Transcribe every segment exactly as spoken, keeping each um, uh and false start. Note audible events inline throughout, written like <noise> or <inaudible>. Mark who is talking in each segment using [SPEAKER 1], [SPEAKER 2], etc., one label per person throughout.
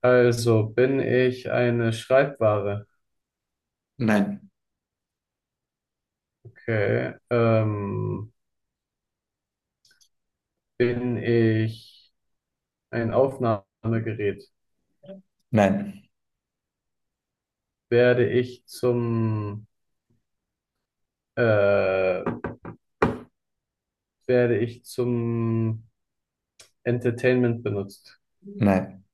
[SPEAKER 1] Also bin ich eine Schreibware?
[SPEAKER 2] Nein,
[SPEAKER 1] Okay. Ähm, bin ich ein Aufnahmegerät?
[SPEAKER 2] nein,
[SPEAKER 1] Werde ich zum äh, werde ich zum Entertainment benutzt?
[SPEAKER 2] nein,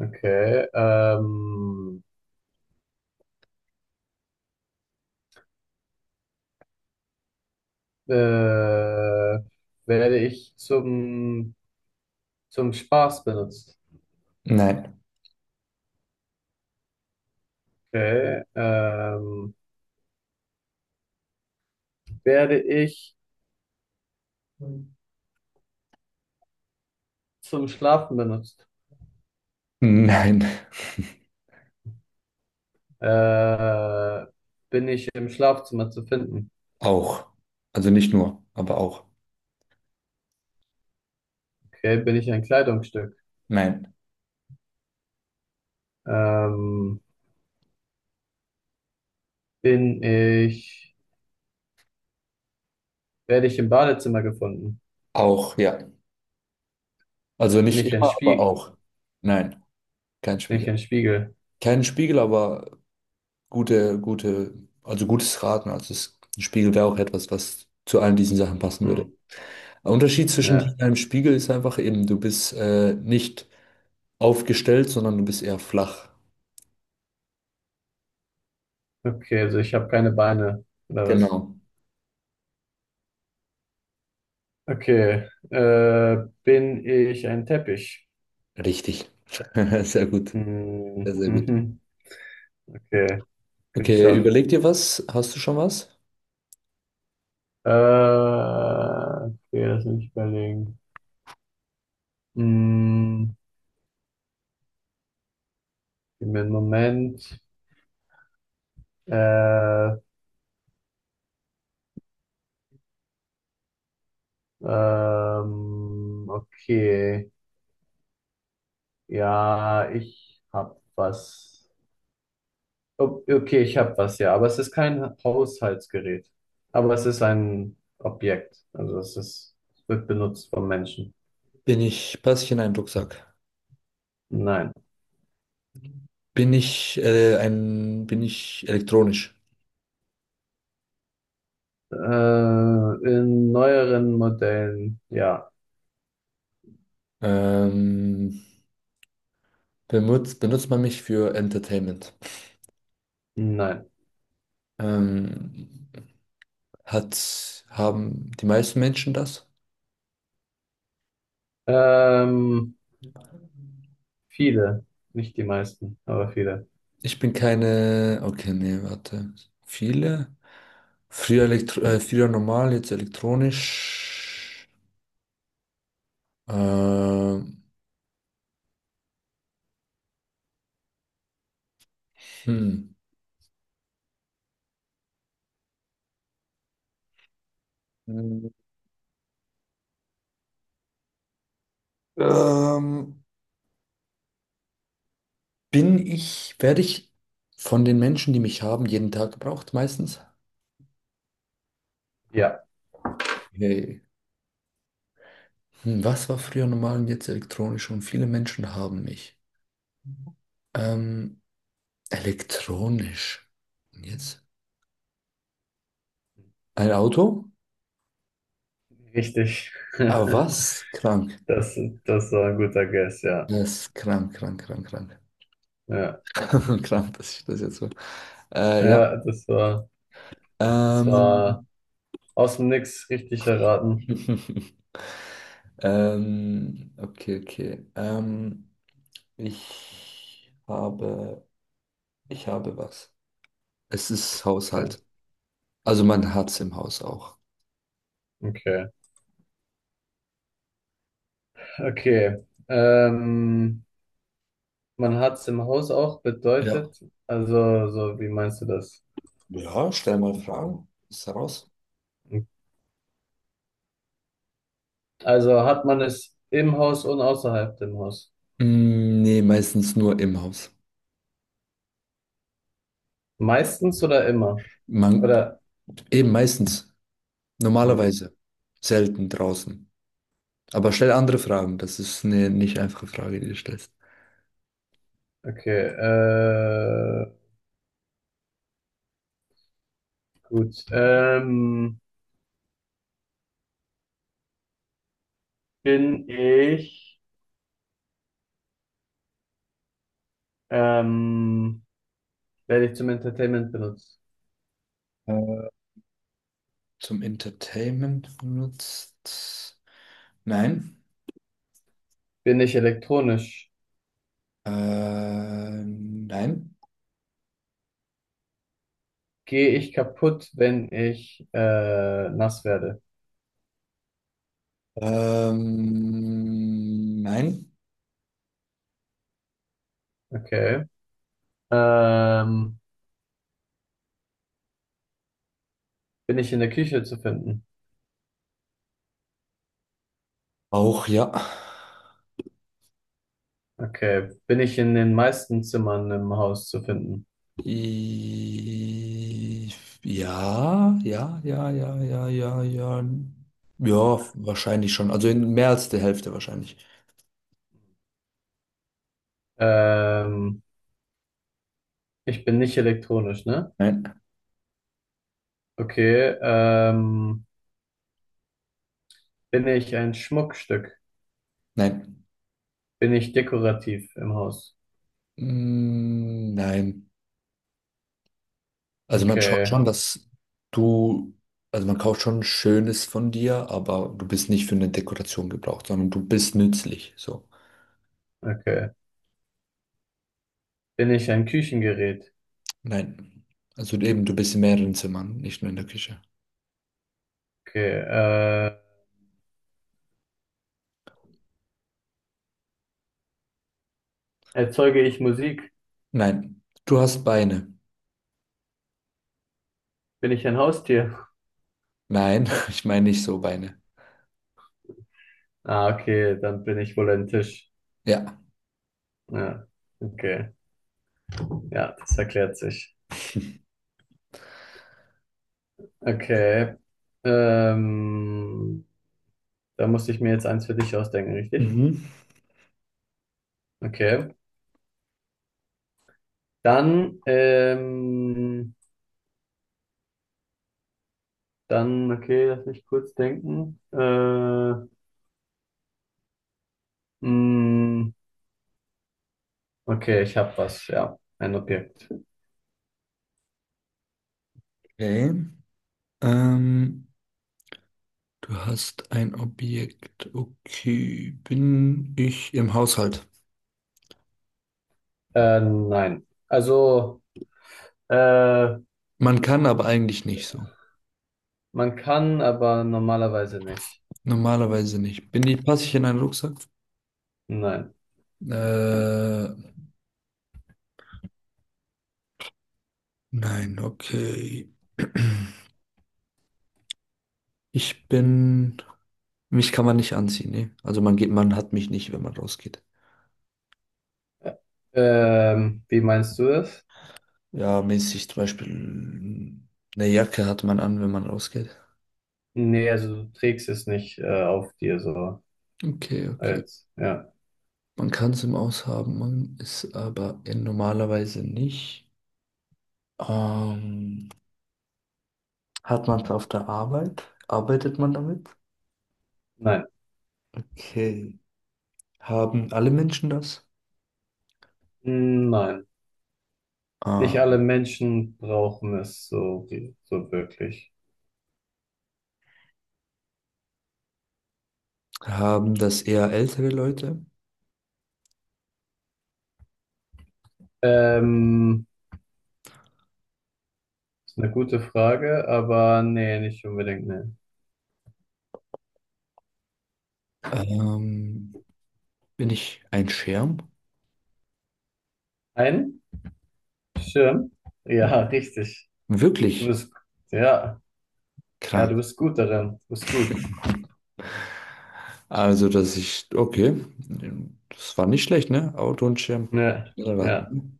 [SPEAKER 1] Okay. Ähm, äh, werde ich zum zum Spaß benutzt?
[SPEAKER 2] nein,
[SPEAKER 1] Okay. Ähm, werde ich zum Schlafen benutzt?
[SPEAKER 2] nein. <laughs>
[SPEAKER 1] Äh, bin ich im Schlafzimmer zu finden?
[SPEAKER 2] Auch. Also nicht nur, aber auch.
[SPEAKER 1] Okay, bin ich ein Kleidungsstück?
[SPEAKER 2] Nein.
[SPEAKER 1] Ähm, bin ich, werde ich im Badezimmer gefunden?
[SPEAKER 2] Auch, ja. Also
[SPEAKER 1] Bin
[SPEAKER 2] nicht
[SPEAKER 1] ich ein
[SPEAKER 2] immer, aber
[SPEAKER 1] Spiegel?
[SPEAKER 2] auch. Nein, kein
[SPEAKER 1] Bin ich
[SPEAKER 2] Spiegel.
[SPEAKER 1] ein Spiegel?
[SPEAKER 2] Kein Spiegel, aber gute, gute, also gutes Raten. Also es, ein Spiegel wäre auch etwas, was zu allen diesen Sachen passen würde.
[SPEAKER 1] Hm,
[SPEAKER 2] Der Unterschied zwischen dir
[SPEAKER 1] ja.
[SPEAKER 2] und einem Spiegel ist einfach eben, du bist äh, nicht aufgestellt, sondern du bist eher flach.
[SPEAKER 1] Okay, also ich habe keine Beine oder was?
[SPEAKER 2] Genau.
[SPEAKER 1] Okay, äh, bin ich ein Teppich?
[SPEAKER 2] Richtig. <laughs> Sehr gut. Sehr,
[SPEAKER 1] Hm,
[SPEAKER 2] sehr gut.
[SPEAKER 1] mhm, okay,
[SPEAKER 2] Okay,
[SPEAKER 1] geschafft.
[SPEAKER 2] überleg dir was. Hast du schon was?
[SPEAKER 1] Äh, okay, lass mich überlegen. Hm, gib mir einen Moment. Äh, Ähm, okay. Ja, ich hab was. O- Okay, ich hab was, ja. Aber es ist kein Haushaltsgerät. Aber es ist ein Objekt. Also es ist, es wird benutzt von Menschen.
[SPEAKER 2] Bin ich, passe ich in einen Rucksack?
[SPEAKER 1] Nein.
[SPEAKER 2] Bin ich, äh, ein, bin ich elektronisch?
[SPEAKER 1] Äh, in neueren Modellen, ja.
[SPEAKER 2] Ähm, benutzt, benutzt man mich für Entertainment?
[SPEAKER 1] Nein.
[SPEAKER 2] Ähm, hat, haben die meisten Menschen das?
[SPEAKER 1] Ähm, viele. Nicht die meisten, aber viele.
[SPEAKER 2] Ich bin keine, okay, nee, warte. Viele? Früher, elektro, äh, früher normal, jetzt elektronisch. Ähm, hm. Ähm, Bin ich, werde ich von den Menschen, die mich haben, jeden Tag gebraucht meistens?
[SPEAKER 1] Ja,
[SPEAKER 2] Hey. Hm, was war früher normal und jetzt elektronisch, und viele Menschen haben mich. Ähm, Elektronisch. Und jetzt? Ein Auto?
[SPEAKER 1] richtig.
[SPEAKER 2] Ah,
[SPEAKER 1] <laughs>
[SPEAKER 2] was? Krank.
[SPEAKER 1] Das, das war ein guter Guess, ja.
[SPEAKER 2] Das ist krank, krank, krank, krank.
[SPEAKER 1] Ja,
[SPEAKER 2] <laughs> Krank, dass ich das jetzt so. Äh, ja.
[SPEAKER 1] ja, das war. Das war
[SPEAKER 2] Ähm,
[SPEAKER 1] aus dem Nix richtig erraten.
[SPEAKER 2] <laughs> ähm, okay, okay. Ähm, ich habe, ich habe was. Es ist
[SPEAKER 1] Okay.
[SPEAKER 2] Haushalt. Also man hat es im Haus auch.
[SPEAKER 1] Okay. Okay. Ähm, man hat es im Haus auch
[SPEAKER 2] Ja.
[SPEAKER 1] bedeutet. Also, so, wie meinst du das?
[SPEAKER 2] Ja, stell mal Fragen. Ist heraus.
[SPEAKER 1] Also hat man es im Haus und außerhalb dem Haus?
[SPEAKER 2] Mm, nee, meistens nur im Haus.
[SPEAKER 1] Meistens oder immer?
[SPEAKER 2] Man,
[SPEAKER 1] Oder?
[SPEAKER 2] eben meistens.
[SPEAKER 1] Hm.
[SPEAKER 2] Normalerweise. Selten draußen. Aber stell andere Fragen. Das ist eine nicht einfache Frage, die du stellst.
[SPEAKER 1] Okay. Äh, gut. Ähm, bin ich, ähm, werde ich zum Entertainment benutzt?
[SPEAKER 2] Äh, zum Entertainment benutzt? Nein.
[SPEAKER 1] Bin ich elektronisch?
[SPEAKER 2] Äh, nein.
[SPEAKER 1] Gehe ich kaputt, wenn ich äh, nass werde?
[SPEAKER 2] Ähm, nein.
[SPEAKER 1] Okay. Ähm, bin ich in der Küche zu finden?
[SPEAKER 2] Auch, ja.
[SPEAKER 1] Okay. Bin ich in den meisten Zimmern im Haus zu finden?
[SPEAKER 2] I- Ja, ja, ja, ja, ja, ja, ja. Ja, wahrscheinlich schon. Also in mehr als der Hälfte wahrscheinlich.
[SPEAKER 1] Ähm, ich bin nicht elektronisch, ne?
[SPEAKER 2] Nein,
[SPEAKER 1] Okay. Ähm, bin ich ein Schmuckstück?
[SPEAKER 2] nein.
[SPEAKER 1] Bin ich dekorativ im Haus?
[SPEAKER 2] Mm, nein. Also man schaut
[SPEAKER 1] Okay.
[SPEAKER 2] schon, dass du, also man kauft schon Schönes von dir, aber du bist nicht für eine Dekoration gebraucht, sondern du bist nützlich. So.
[SPEAKER 1] Okay. Bin ich ein Küchengerät?
[SPEAKER 2] Nein. Also eben, du bist in mehreren Zimmern, nicht nur in der Küche.
[SPEAKER 1] Okay. Äh, erzeuge ich Musik?
[SPEAKER 2] Nein. Du hast Beine.
[SPEAKER 1] Bin ich ein Haustier?
[SPEAKER 2] Nein, <laughs> ich meine nicht so Beine.
[SPEAKER 1] Ah, okay. Dann bin ich wohl ein Tisch.
[SPEAKER 2] Ja.
[SPEAKER 1] Ja, okay. Ja, das erklärt sich. Okay. Ähm, da musste ich mir jetzt eins für dich ausdenken, richtig?
[SPEAKER 2] Mhm.
[SPEAKER 1] Okay. Dann, ähm, dann, okay, lass mich kurz denken. Äh, mh, okay, ich habe was, ja, ein Objekt.
[SPEAKER 2] Okay. Ähm, Du hast ein Objekt. Okay, bin ich im Haushalt?
[SPEAKER 1] Äh, nein. Also, äh,
[SPEAKER 2] Man kann, aber eigentlich nicht so.
[SPEAKER 1] man kann, aber normalerweise nicht.
[SPEAKER 2] Normalerweise nicht. Bin ich, passe ich in einen Rucksack?
[SPEAKER 1] Nein.
[SPEAKER 2] Äh, nein, okay. Ich bin. Mich kann man nicht anziehen, ne? Also man geht, man hat mich nicht, wenn man rausgeht.
[SPEAKER 1] Ähm, wie meinst du es?
[SPEAKER 2] Ja, mäßig zum Beispiel eine Jacke hat man an, wenn man rausgeht.
[SPEAKER 1] Nee, also du trägst es nicht, äh, auf dir so.
[SPEAKER 2] Okay, okay,
[SPEAKER 1] Als, ja.
[SPEAKER 2] man kann es im Aus haben, man ist aber in normalerweise nicht. Ähm, hat man es auf der Arbeit? Arbeitet man damit?
[SPEAKER 1] Nein.
[SPEAKER 2] Okay. Haben alle Menschen das?
[SPEAKER 1] Hm, Nein. Nicht alle
[SPEAKER 2] Ähm,
[SPEAKER 1] Menschen brauchen es so, so wirklich.
[SPEAKER 2] haben das eher ältere Leute?
[SPEAKER 1] Ähm, ist eine gute Frage, aber nee, nicht unbedingt, nee.
[SPEAKER 2] Ähm, bin ich ein Schirm?
[SPEAKER 1] Ein Schirm? Ja, <laughs>
[SPEAKER 2] Mhm.
[SPEAKER 1] richtig. Du
[SPEAKER 2] Wirklich
[SPEAKER 1] bist, ja, ja, du
[SPEAKER 2] krank.
[SPEAKER 1] bist gut darin. Du bist gut.
[SPEAKER 2] <laughs> Also, dass ich, okay, das war nicht schlecht, ne? Auto und Schirm.
[SPEAKER 1] Ja,
[SPEAKER 2] Schnell
[SPEAKER 1] ja.
[SPEAKER 2] raten.